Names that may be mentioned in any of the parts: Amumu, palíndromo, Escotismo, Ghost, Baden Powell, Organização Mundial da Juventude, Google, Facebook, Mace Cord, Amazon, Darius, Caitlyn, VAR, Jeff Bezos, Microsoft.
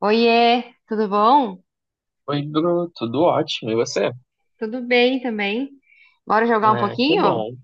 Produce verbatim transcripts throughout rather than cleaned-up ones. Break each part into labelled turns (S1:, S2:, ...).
S1: Oiê, tudo bom?
S2: Oi, Bruno, tudo ótimo, e você?
S1: Tudo bem também. Bora jogar um
S2: Ah, que
S1: pouquinho?
S2: bom.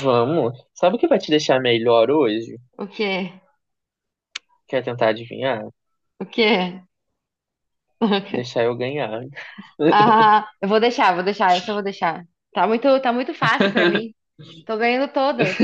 S2: Vamos. Sabe o que vai te deixar melhor hoje?
S1: O quê?
S2: Quer tentar adivinhar?
S1: O quê?
S2: Deixar eu ganhar.
S1: Ah, eu vou deixar, vou deixar, essa eu vou deixar. Tá muito, tá muito fácil pra mim. Tô ganhando todas.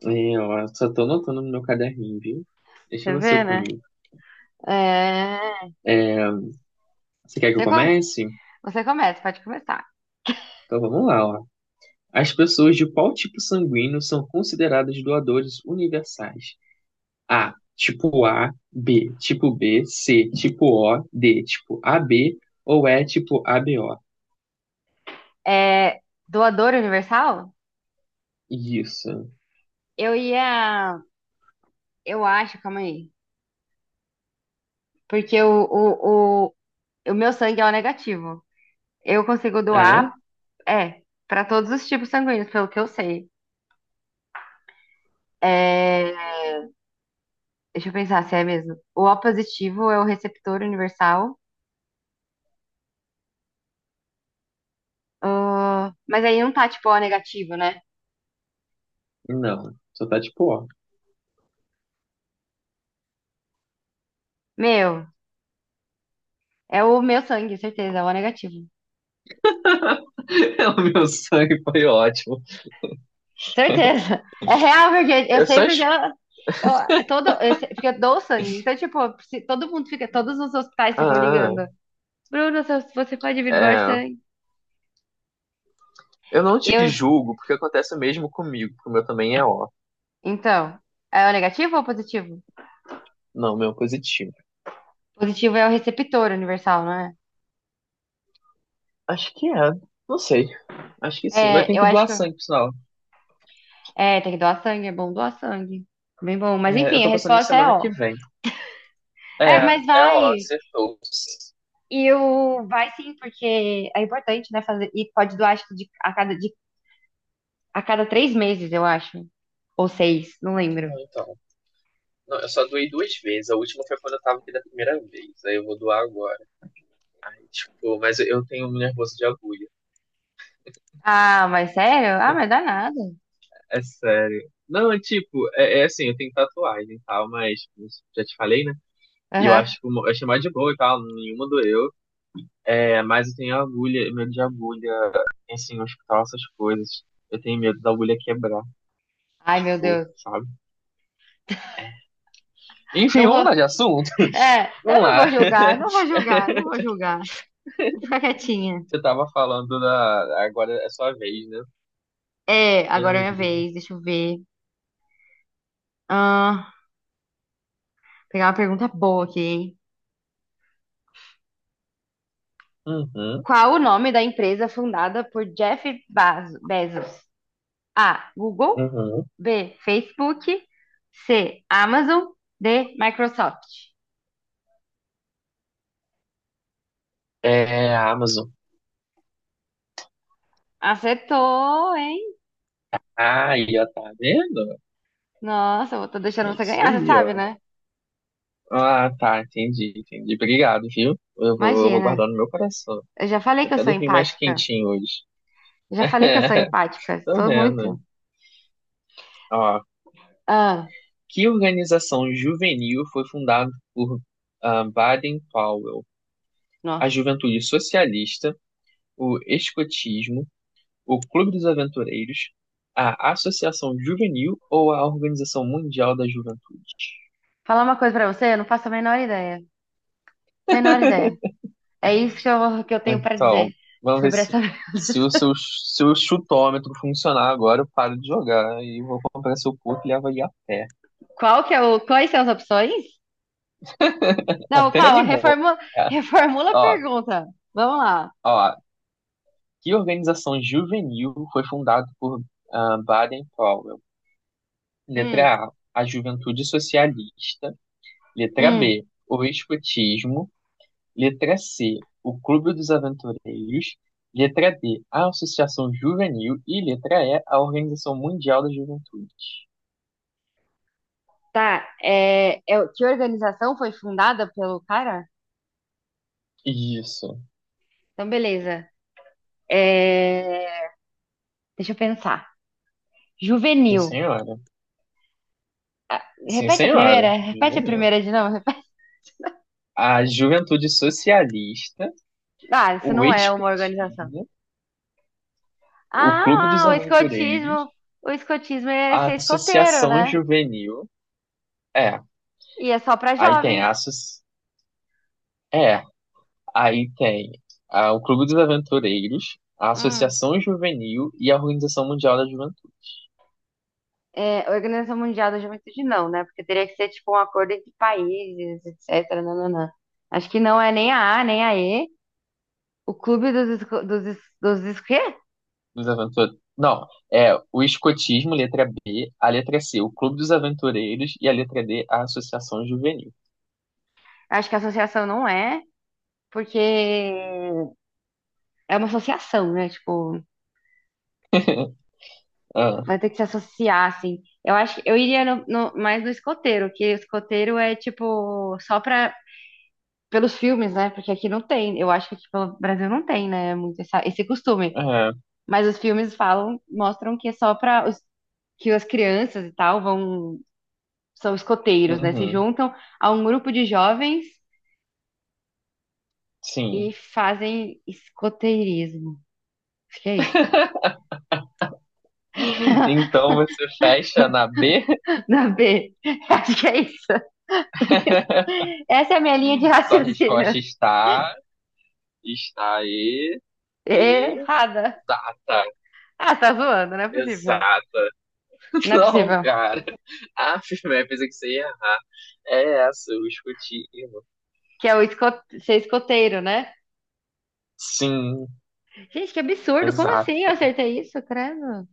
S2: Eu ó, só tô anotando no meu caderninho, viu? Deixa
S1: Você
S2: você
S1: vê, né?
S2: comigo.
S1: É...
S2: Você quer que eu
S1: Você, co-
S2: comece?
S1: Você começa, pode começar.
S2: Então vamos lá, ó. As pessoas de qual tipo sanguíneo são consideradas doadores universais? A, tipo A, B, tipo B, C, tipo O, D, tipo A B ou E, tipo A B O?
S1: É... Doador universal?
S2: Isso.
S1: Eu ia. Eu acho, calma aí. Porque o, o, o, o meu sangue é o negativo. Eu consigo
S2: Ah, é?
S1: doar, é, pra todos os tipos sanguíneos, pelo que eu sei. É, deixa eu pensar se é mesmo. O O positivo é o receptor universal. Ah, mas aí não tá tipo O negativo, né?
S2: Não. Só tá tipo O.
S1: Meu, é o meu sangue, certeza, é o O negativo.
S2: É o meu sangue foi ótimo.
S1: Certeza. É real, porque eu
S2: Eu
S1: sei
S2: só. es-
S1: porque ela. Eu, todo, eu sei- Porque eu dou sangue. Então, tipo, se- todo mundo fica, todos os hospitais ficam
S2: Ah,
S1: ligando. Bruno, se você pode vir doar
S2: é.
S1: sangue.
S2: Eu não te
S1: Eu,
S2: julgo, porque acontece o mesmo comigo, porque o meu também é ó.
S1: então, é o negativo ou o positivo?
S2: Não, o meu é positivo.
S1: Positivo é o receptor universal, não é?
S2: Acho que é. Não sei. Acho que sim. Vai ter
S1: É, eu
S2: que
S1: acho
S2: doar
S1: que.
S2: sangue, por sinal.
S1: É, tem que doar sangue, é bom doar sangue. Bem bom. Mas
S2: É, eu
S1: enfim, a
S2: tô pensando em
S1: resposta é
S2: semana que
S1: ó.
S2: vem.
S1: É,
S2: É,
S1: mas
S2: é ó,
S1: vai.
S2: acertou.
S1: E o vai sim, porque é importante, né, fazer. E pode doar, acho que de, a cada, de, a cada três meses, eu acho. Ou seis, não lembro.
S2: Não, então. Não, eu só doei duas vezes. A última foi quando eu tava aqui da primeira vez. Aí eu vou doar agora. Ai, tipo, mas eu eu tenho um nervoso de agulha.
S1: Ah, mas sério? Ah, mas dá nada.
S2: É sério. Não, é tipo, é, é assim, eu tenho tatuagem e tal, mas como eu já te falei, né? E eu
S1: Aham.
S2: acho que eu achei mais de boa e tal, nenhuma doeu. É, mas eu tenho agulha, medo de agulha, assim, hospital, essas coisas. Eu tenho medo da agulha quebrar,
S1: Ai, meu
S2: tipo,
S1: Deus.
S2: sabe? Enfim,
S1: Não
S2: vamos
S1: vou.
S2: mudar de assunto?
S1: É, eu
S2: Vamos
S1: não vou
S2: lá.
S1: julgar, não vou julgar, não vou julgar. Vou ficar quietinha.
S2: Você tava falando da. Agora é sua vez, né?
S1: É, agora é
S2: Ai,
S1: minha
S2: Deus.
S1: vez, deixa eu ver. Ah, pegar uma pergunta boa aqui, hein?
S2: Uhum,
S1: Qual o nome da empresa fundada por Jeff Bazo- Bezos? A. Google.
S2: uhum.
S1: B. Facebook. C. Amazon. D. Microsoft.
S2: É, Amazon.
S1: Acertou, hein?
S2: Aí, ó, tá vendo?
S1: Nossa, eu tô deixando
S2: É
S1: você
S2: isso
S1: ganhar, você
S2: aí,
S1: sabe,
S2: ó.
S1: né?
S2: Ah, tá, entendi, entendi. Obrigado, viu? Eu vou, eu vou
S1: Imagina.
S2: guardar no meu coração.
S1: Eu já falei
S2: Eu
S1: que eu
S2: até
S1: sou
S2: dormi mais
S1: empática.
S2: quentinho hoje.
S1: Eu já falei que eu sou empática.
S2: Tô
S1: Sou
S2: vendo.
S1: muito.
S2: Ó,
S1: Ah,
S2: que organização juvenil foi fundada por ah, Baden Powell? A
S1: nossa.
S2: Juventude Socialista, o Escotismo, o Clube dos Aventureiros, a Associação Juvenil ou a Organização Mundial da Juventude?
S1: Falar uma coisa pra você, eu não faço a menor ideia. Menor ideia. É isso que eu, que eu tenho pra
S2: Então,
S1: dizer
S2: vamos ver
S1: sobre
S2: se,
S1: essa.
S2: se o seu, se o chutômetro funcionar agora, eu paro de jogar e vou comprar seu puto e levo aí a pé.
S1: Qual que é o, quais são as opções? Não,
S2: Até
S1: calma,
S2: animou.
S1: reformula,
S2: É.
S1: reformula a
S2: Ó,
S1: pergunta. Vamos lá.
S2: ó, que organização juvenil foi fundada por ah, Baden Powell?
S1: Hum,
S2: Letra A, a Juventude Socialista. Letra
S1: hum,
S2: B, o Escotismo. Letra C, o Clube dos Aventureiros. Letra D, a Associação Juvenil. E letra E, a Organização Mundial da Juventude.
S1: tá. É, é, que organização foi fundada pelo cara?
S2: Isso.
S1: Então, beleza. É, deixa eu pensar.
S2: Sim,
S1: Juvenil.
S2: senhora.
S1: Ah,
S2: Sim,
S1: repete a primeira?
S2: senhora.
S1: Repete a
S2: Juvenil.
S1: primeira de novo? Repete.
S2: A Juventude Socialista,
S1: Ah, isso
S2: o
S1: não é uma organização.
S2: Escotismo, o Clube dos
S1: Ah, o
S2: Aventureiros,
S1: escotismo. O escotismo é
S2: a
S1: ser escoteiro,
S2: Associação
S1: né?
S2: Juvenil. É,
S1: E é só para
S2: aí tem
S1: jovens.
S2: a associ... É, aí tem ah, o Clube dos Aventureiros, a
S1: Hum.
S2: Associação Juvenil e a Organização Mundial da Juventude.
S1: É, Organização Mundial da Juventude não, né? Porque teria que ser tipo um acordo entre países, etcétera. Nananã. Acho que não é nem a A, nem a E. O clube dos, esco- dos, es- dos, es- quê?
S2: Dos Aventu- Não, é o Escotismo, letra B, a letra C, o Clube dos Aventureiros e a letra D, a Associação Juvenil.
S1: Acho que a associação não é, porque é uma associação, né? Tipo,
S2: Ah,
S1: vai ter que se associar, assim. Eu acho que eu iria no- no- mais no escoteiro, que escoteiro é tipo só pra, pelos filmes, né? Porque aqui não tem. Eu acho que aqui pelo Brasil não tem, né? Muito essa- esse costume.
S2: é,
S1: Mas os filmes falam, mostram que é só para os que as crianças e tal vão são escoteiros, né? Se
S2: uhum.
S1: juntam a um grupo de jovens
S2: Sim.
S1: e fazem escoteirismo. Acho que é isso.
S2: Então você fecha na B?
S1: Na B. Acho que é isso. Essa é a minha linha de
S2: Sua
S1: raciocínio.
S2: resposta está, está aí,
S1: Errada.
S2: exata,
S1: Ah, tá zoando, não é possível.
S2: exata.
S1: Não é
S2: Não,
S1: possível.
S2: cara. Ah, eu pensei que você ia errar. É essa, o escutino.
S1: Que é o esco- Ser escoteiro, né?
S2: Sim,
S1: Gente, que absurdo. Como assim eu
S2: exato.
S1: acertei isso, credo?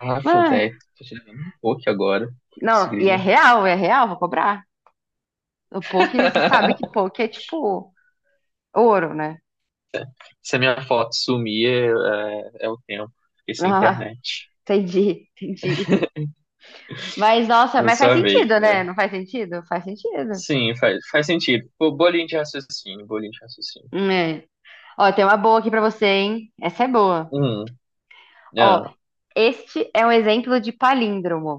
S2: Ah,
S1: Ah,
S2: velho, tô tirando um pouco agora. Isso,
S1: não, e é
S2: grilo.
S1: real, é real, vou cobrar. O poke, você sabe que poke é tipo ouro, né?
S2: Se a minha foto sumir, é, é o tempo. Fiquei sem
S1: Ah,
S2: internet.
S1: entendi, entendi. Mas, nossa,
S2: Uma
S1: mas faz
S2: só vez,
S1: sentido,
S2: né?
S1: né? Não faz sentido? Faz sentido.
S2: Sim, faz, faz sentido. Pô, bolinho de raciocínio, bolinho de raciocínio.
S1: Hum, É. Ó, tem uma boa aqui pra você, hein? Essa é boa.
S2: Hum,
S1: Ó,
S2: ah,
S1: este é um exemplo de palíndromo.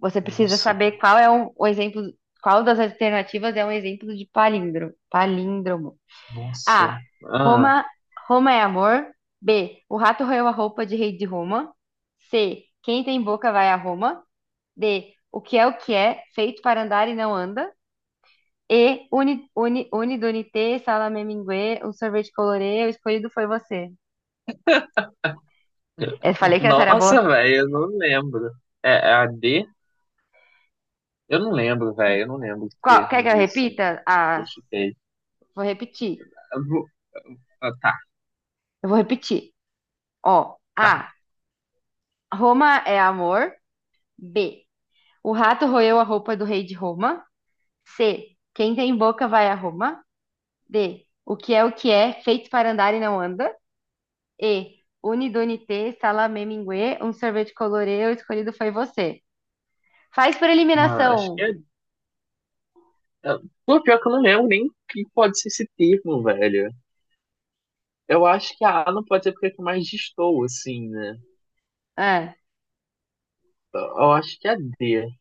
S1: Você precisa
S2: nossa,
S1: saber
S2: velho,
S1: qual é um- o exemplo, qual das alternativas é um exemplo de palíndromo. Palíndromo.
S2: nossa.
S1: A.
S2: Ah,
S1: Roma, Roma é amor. B. O rato roeu a roupa de rei de Roma. C. Quem tem boca vai a Roma. D. O que é o que é, feito para andar e não anda. E. Uni, uni, uni, donite, salame mingue, um sorvete colorê, o escolhido foi você. Eu falei que essa era boa.
S2: nossa, velho, eu não lembro. É, é a D? Eu não lembro, velho, eu não lembro o
S1: Qual, quer
S2: termo
S1: que eu
S2: disso.
S1: repita?
S2: Eu
S1: As,
S2: chutei.
S1: vou repetir.
S2: Eu vou- ah, tá,
S1: Eu vou repetir. Ó.
S2: tá.
S1: A. Roma é amor. B. O rato roeu a roupa do rei de Roma. C. Quem tem boca vai a Roma. D. O que é o que é, feito para andar e não anda. E. Unidunité, salameminguê um sorvete colorê, o escolhido foi você. Faz por
S2: Ah, acho que
S1: eliminação.
S2: é. é- Pô, pior que eu não lembro nem o que pode ser esse termo, velho. Eu acho que a A não pode ser porque é que mais destoa, assim, né?
S1: Ah,
S2: Eu eu acho que é D.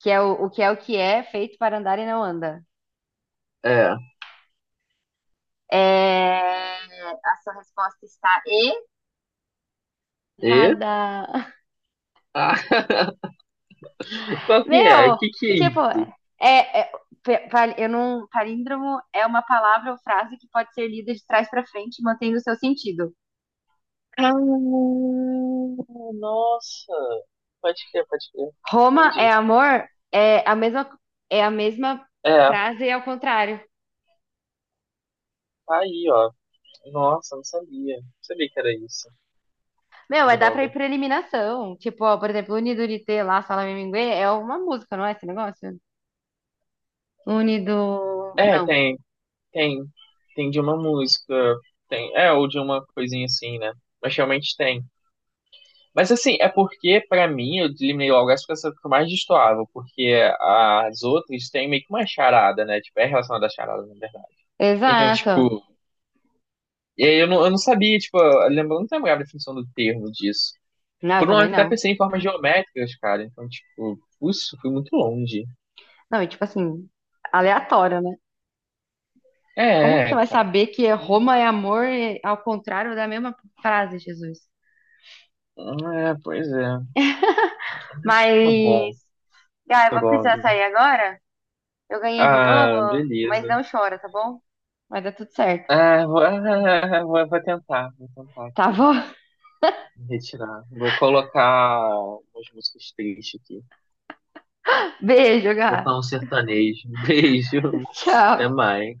S1: que é o, o que é o que é, feito para andar e não anda.
S2: É.
S1: É, a sua resposta está
S2: E?
S1: errada.
S2: Ah. Qual que é? O
S1: Meu,
S2: que que é
S1: tipo,
S2: isso?
S1: é, é, pa- pa- eu não, palíndromo é uma palavra ou frase que pode ser lida de trás para frente, mantendo o seu sentido.
S2: Ah, nossa. Pode crer, pode crer.
S1: Roma é
S2: Entendi.
S1: amor é a mesma é a mesma
S2: É,
S1: frase ao contrário.
S2: tá aí, ó. Nossa, não sabia. Não sabia que era isso.
S1: Meu, é dar pra
S2: Droga.
S1: ir pra eliminação. Tipo, ó, por exemplo, Unido Unite lá, Salame Mingue, é uma música, não é esse negócio? Unido.
S2: É,
S1: Não.
S2: tem, tem. Tem de uma música. Tem. É, ou de uma coisinha assim, né? Mas realmente tem. Mas assim, é porque, pra mim, eu eliminei logo essa porque essa ficou mais destoável. Porque as outras têm meio que uma charada, né? Tipo, é relacionada à charada, na verdade. Então,
S1: Exato.
S2: tipo. E aí eu não, eu não sabia, tipo, eu lembro, eu não lembrava a definição do termo disso.
S1: Não, eu
S2: Por um
S1: também
S2: momento eu até
S1: não.
S2: pensei em formas geométricas, cara. Então, tipo, isso fui muito longe.
S1: Não, e tipo assim, aleatório, né?
S2: É,
S1: Como que você
S2: é,
S1: vai
S2: cara.
S1: saber que é Roma é amor e ao contrário da mesma frase, Jesus?
S2: É, pois é. Mas tá bom,
S1: Mas. Ah, eu
S2: tá
S1: vou
S2: bom.
S1: precisar sair agora. Eu ganhei de novo,
S2: Ah,
S1: mas
S2: beleza.
S1: não chora, tá bom? Vai dar tudo certo.
S2: Ah, vou, ah, vou, vou tentar, vou tentar
S1: Tá
S2: aqui.
S1: bom?
S2: Me retirar. Vou colocar umas músicas tristes aqui.
S1: Beijo,
S2: Vou
S1: Gá.
S2: colocar um sertanejo. Beijo. Até
S1: Tchau.
S2: mais.